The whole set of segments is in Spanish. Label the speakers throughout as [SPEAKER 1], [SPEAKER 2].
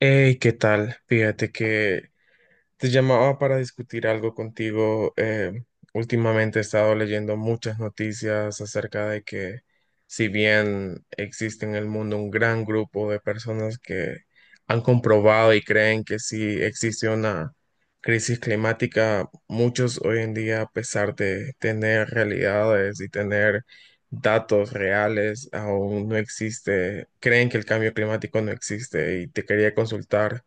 [SPEAKER 1] Hey, ¿qué tal? Fíjate que te llamaba para discutir algo contigo. Últimamente he estado leyendo muchas noticias acerca de que si bien existe en el mundo un gran grupo de personas que han comprobado y creen que sí existe una crisis climática, muchos hoy en día, a pesar de tener realidades y tener datos reales, aún no existe, creen que el cambio climático no existe y te quería consultar.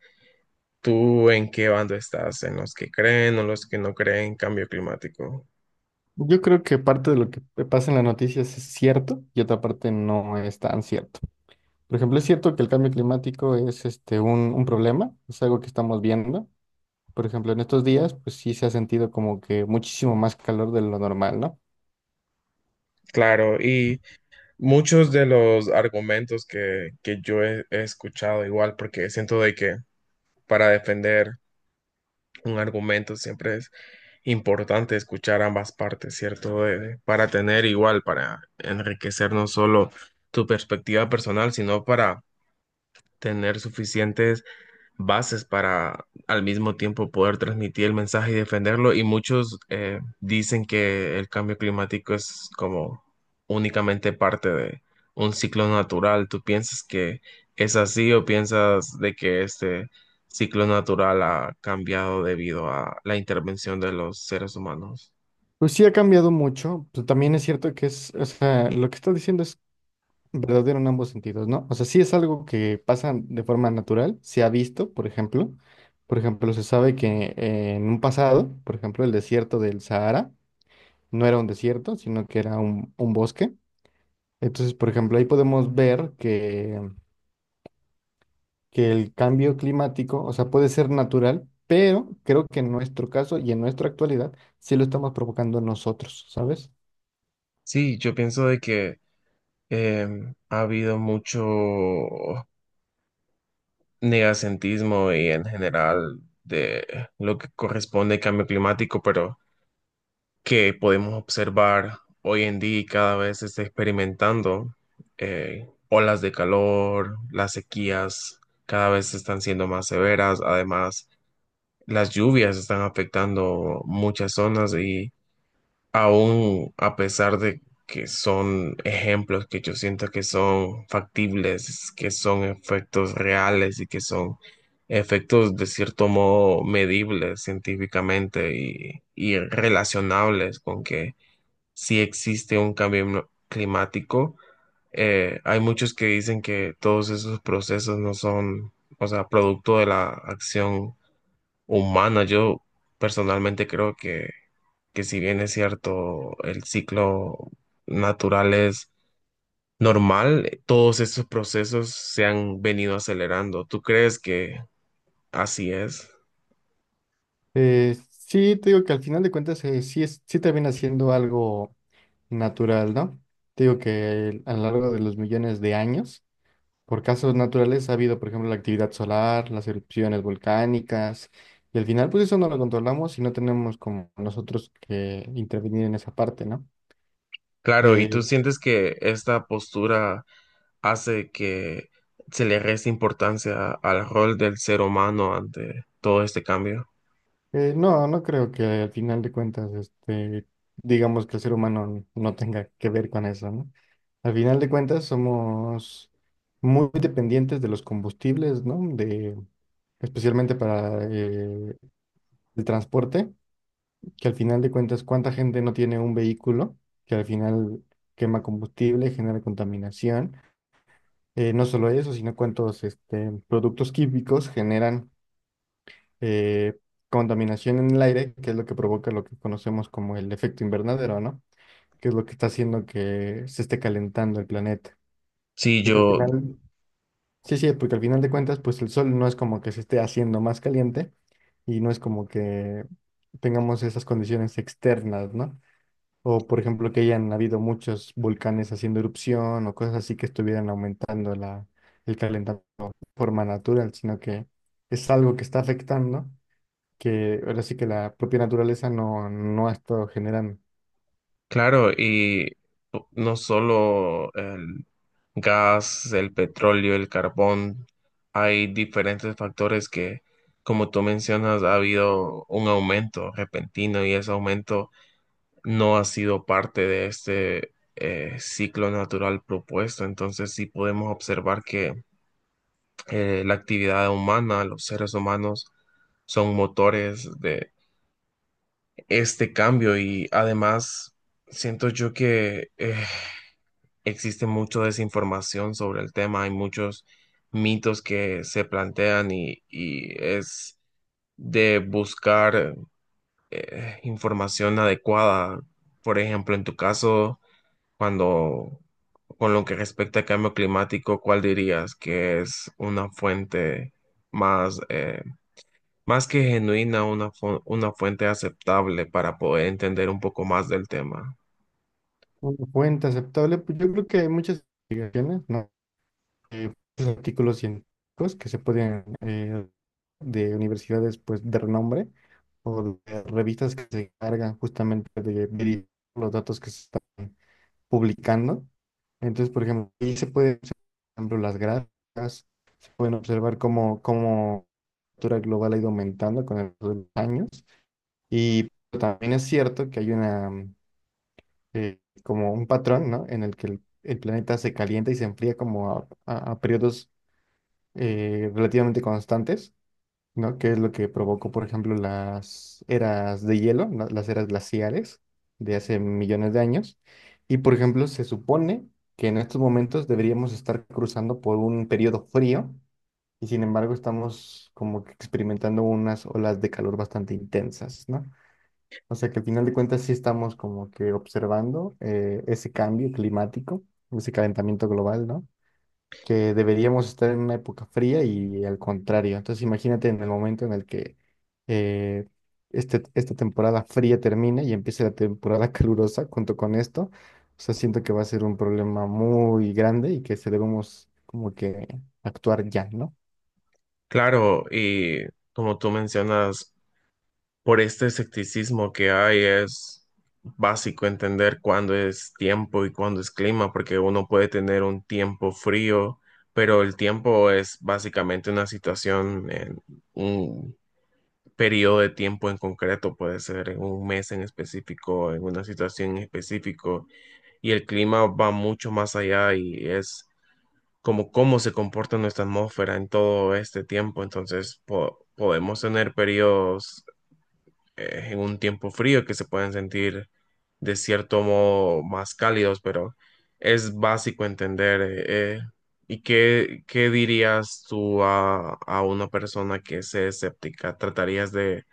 [SPEAKER 1] ¿Tú en qué bando estás? ¿En los que creen o los que no creen en cambio climático?
[SPEAKER 2] Yo creo que parte de lo que pasa en las noticias es cierto y otra parte no es tan cierto. Por ejemplo, es cierto que el cambio climático es un problema, es algo que estamos viendo. Por ejemplo, en estos días, pues sí se ha sentido como que muchísimo más calor de lo normal, ¿no?
[SPEAKER 1] Claro, y muchos de los argumentos que yo he escuchado igual, porque siento de que para defender un argumento siempre es importante escuchar ambas partes, ¿cierto? Para tener igual, para enriquecer no solo tu perspectiva personal, sino para tener suficientes bases para al mismo tiempo poder transmitir el mensaje y defenderlo. Y muchos dicen que el cambio climático es como únicamente parte de un ciclo natural. ¿Tú piensas que es así o piensas de que este ciclo natural ha cambiado debido a la intervención de los seres humanos?
[SPEAKER 2] Pues sí ha cambiado mucho, pero también es cierto que es, o sea, lo que estás diciendo es verdadero en ambos sentidos, ¿no? O sea, sí es algo que pasa de forma natural, se ha visto, por ejemplo. Por ejemplo, se sabe que en un pasado, por ejemplo, el desierto del Sahara no era un desierto, sino que era un bosque. Entonces, por ejemplo, ahí podemos ver que el cambio climático, o sea, puede ser natural, pero creo que en nuestro caso y en nuestra actualidad sí lo estamos provocando nosotros, ¿sabes?
[SPEAKER 1] Sí, yo pienso de que ha habido mucho negacentismo y en general de lo que corresponde al cambio climático, pero que podemos observar hoy en día y cada vez se está experimentando olas de calor, las sequías cada vez están siendo más severas, además las lluvias están afectando muchas zonas y aún a pesar de que son ejemplos que yo siento que son factibles, que son efectos reales y que son efectos de cierto modo medibles científicamente y relacionables con que si existe un cambio climático. Eh, hay muchos que dicen que todos esos procesos no son, o sea, producto de la acción humana. Yo personalmente creo que si bien es cierto, el ciclo natural es normal, todos esos procesos se han venido acelerando. ¿Tú crees que así es?
[SPEAKER 2] Sí, te digo que al final de cuentas sí, sí termina siendo algo natural, ¿no? Te digo que a lo largo de los millones de años, por casos naturales ha habido, por ejemplo, la actividad solar, las erupciones volcánicas, y al final, pues eso no lo controlamos y no tenemos como nosotros que intervenir en esa parte, ¿no?
[SPEAKER 1] Claro, ¿y tú
[SPEAKER 2] Eh,
[SPEAKER 1] sientes que esta postura hace que se le reste importancia al rol del ser humano ante todo este cambio?
[SPEAKER 2] no, no creo que al final de cuentas, este, digamos que el ser humano no tenga que ver con eso, ¿no? Al final de cuentas, somos muy dependientes de los combustibles, ¿no? De, especialmente para el transporte. Que al final de cuentas, ¿cuánta gente no tiene un vehículo que al final quema combustible, genera contaminación? No solo eso, sino cuántos este, productos químicos generan eh, contaminación en el aire, que es lo que provoca lo que conocemos como el efecto invernadero, ¿no? Que es lo que está haciendo que se esté calentando el planeta.
[SPEAKER 1] Sí,
[SPEAKER 2] Porque al
[SPEAKER 1] yo,
[SPEAKER 2] final, sí, porque al final de cuentas, pues el sol no es como que se esté haciendo más caliente y no es como que tengamos esas condiciones externas, ¿no? O, por ejemplo, que hayan habido muchos volcanes haciendo erupción o cosas así que estuvieran aumentando el calentamiento de forma natural, sino que es algo que está afectando, que ahora sí que la propia naturaleza no ha estado generando.
[SPEAKER 1] claro, y no solo el gas, el petróleo, el carbón. Hay diferentes factores que, como tú mencionas, ha habido un aumento repentino y ese aumento no ha sido parte de este ciclo natural propuesto. Entonces sí podemos observar que la actividad humana, los seres humanos, son motores de este cambio y además siento yo que existe mucha desinformación sobre el tema, hay muchos mitos que se plantean y es de buscar información adecuada. Por ejemplo, en tu caso, cuando con lo que respecta al cambio climático, ¿cuál dirías que es una fuente más más que genuina, una, una fuente aceptable para poder entender un poco más del tema?
[SPEAKER 2] Una fuente aceptable, pues yo creo que hay muchas investigaciones, ¿no? Eh, muchos artículos científicos que se pueden de universidades pues de renombre o de revistas que se encargan justamente de verificar los datos que se están publicando. Entonces, por ejemplo, ahí se pueden observar, por ejemplo, las gráficas, se pueden observar cómo la temperatura global ha ido aumentando con el paso de los años. Y también es cierto que hay una, como un patrón, ¿no? En el que el planeta se calienta y se enfría como a, a periodos relativamente constantes. ¿No? Que es lo que provocó, por ejemplo, las eras de hielo, las eras glaciares de hace millones de años. Y, por ejemplo, se supone que en estos momentos deberíamos estar cruzando por un periodo frío y, sin embargo, estamos como que experimentando unas olas de calor bastante intensas, ¿no? O sea que al final de cuentas sí estamos como que observando ese cambio climático, ese calentamiento global, ¿no? Que deberíamos estar en una época fría y al contrario. Entonces imagínate en el momento en el que eh, esta temporada fría termina y empiece la temporada calurosa junto con esto. O sea, siento que va a ser un problema muy grande y que se debemos como que actuar ya, ¿no?
[SPEAKER 1] Claro, y como tú mencionas, por este escepticismo que hay, es básico entender cuándo es tiempo y cuándo es clima, porque uno puede tener un tiempo frío, pero el tiempo es básicamente una situación en un periodo de tiempo en concreto, puede ser en un mes en específico, en una situación en específico, y el clima va mucho más allá y es como cómo se comporta nuestra atmósfera en todo este tiempo, entonces podemos tener periodos en un tiempo frío que se pueden sentir de cierto modo más cálidos, pero es básico entender. ¿Y qué, qué dirías tú a una persona que es escéptica? ¿Tratarías de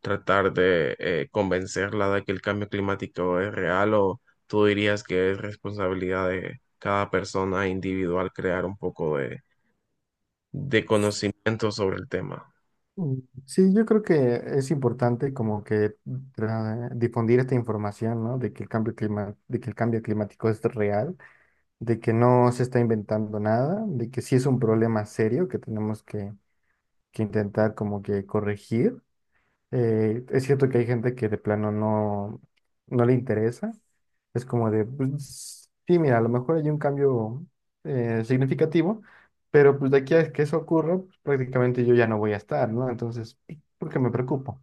[SPEAKER 1] tratar de convencerla de que el cambio climático es real o tú dirías que es responsabilidad de cada persona individual crear un poco de conocimiento sobre el tema?
[SPEAKER 2] Mm. Sí, yo creo que es importante como que difundir esta información, ¿no? De que el cambio climático es real, de que no se está inventando nada, de que sí es un problema serio que tenemos que intentar como que corregir. Es cierto que hay gente que de plano no le interesa. Es como de, pues, sí, mira, a lo mejor hay un cambio significativo, pero pues de aquí a que eso ocurra, pues, prácticamente yo ya no voy a estar, ¿no? Entonces, ¿por qué me preocupo?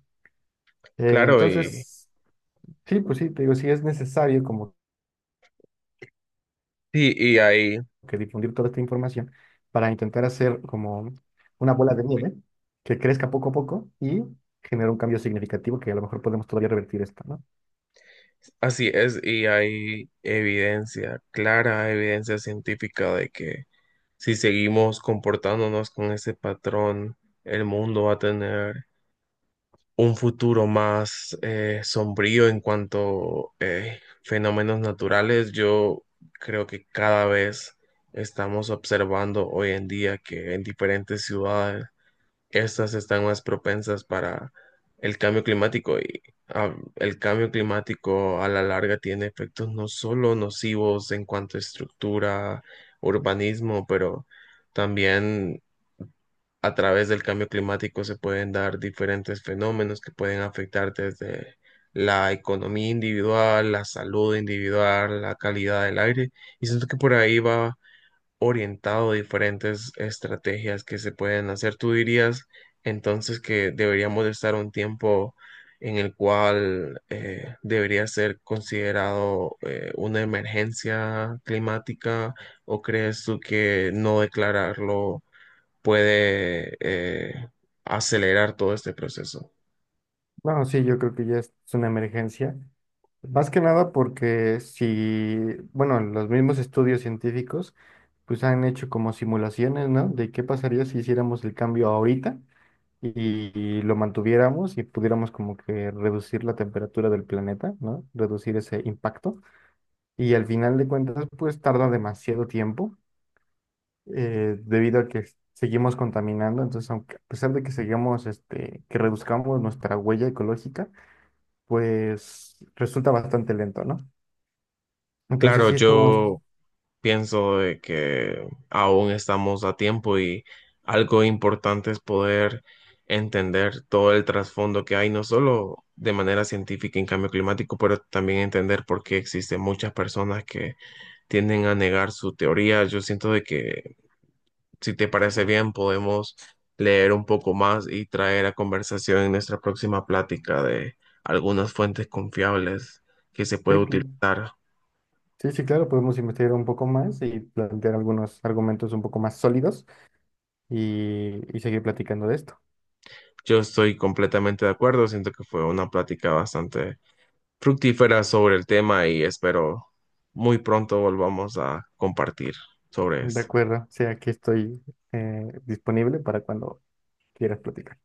[SPEAKER 2] Claro.
[SPEAKER 1] Claro,
[SPEAKER 2] Entonces, sí, pues sí, te digo, sí es necesario como
[SPEAKER 1] y ahí
[SPEAKER 2] que difundir toda esta información para intentar hacer como una bola de nieve que crezca poco a poco y generar un cambio significativo que a lo mejor podemos todavía revertir esto, ¿no?
[SPEAKER 1] así es, y hay evidencia, clara evidencia científica de que si seguimos comportándonos con ese patrón, el mundo va a tener un futuro más sombrío en cuanto fenómenos naturales. Yo creo que cada vez estamos observando hoy en día que en diferentes ciudades estas están más propensas para el cambio climático y el cambio climático a la larga tiene efectos no solo nocivos en cuanto a estructura, urbanismo, pero también a través del cambio climático se pueden dar diferentes fenómenos que pueden afectar desde la economía individual, la salud individual, la calidad del aire. Y siento que por ahí va orientado a diferentes estrategias que se pueden hacer. ¿Tú dirías entonces que deberíamos de estar un tiempo en el cual debería ser considerado una emergencia climática o crees tú que no declararlo puede acelerar todo este proceso?
[SPEAKER 2] No, sí, yo creo que ya es una emergencia. Más que nada porque si, bueno, los mismos estudios científicos pues han hecho como simulaciones, ¿no? De qué pasaría si hiciéramos el cambio ahorita y lo mantuviéramos y pudiéramos como que reducir la temperatura del planeta, ¿no? Reducir ese impacto. Y al final de cuentas, pues tarda demasiado tiempo debido a que seguimos contaminando. Entonces, aunque, a pesar de que sigamos, este, que reduzcamos nuestra huella ecológica, pues resulta bastante lento, ¿no? Entonces,
[SPEAKER 1] Claro,
[SPEAKER 2] sí estamos, sí,
[SPEAKER 1] yo pienso de que aún estamos a tiempo y algo importante es poder entender todo el trasfondo que hay, no solo de manera científica en cambio climático, pero también entender por qué existen muchas personas que tienden a negar su teoría. Yo siento de que, si te parece bien, podemos leer un poco más y traer a conversación en nuestra próxima plática de algunas fuentes confiables que se puede
[SPEAKER 2] cl-
[SPEAKER 1] utilizar.
[SPEAKER 2] sí, sí, claro, podemos investigar un poco más y plantear algunos argumentos un poco más sólidos y seguir platicando de esto.
[SPEAKER 1] Yo estoy completamente de acuerdo, siento que fue una plática bastante fructífera sobre el tema y espero muy pronto volvamos a compartir sobre
[SPEAKER 2] De
[SPEAKER 1] esto.
[SPEAKER 2] acuerdo, o sea, aquí estoy disponible para cuando quieras platicar.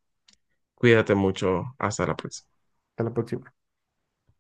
[SPEAKER 1] Cuídate mucho, hasta la próxima.
[SPEAKER 2] Hasta la próxima.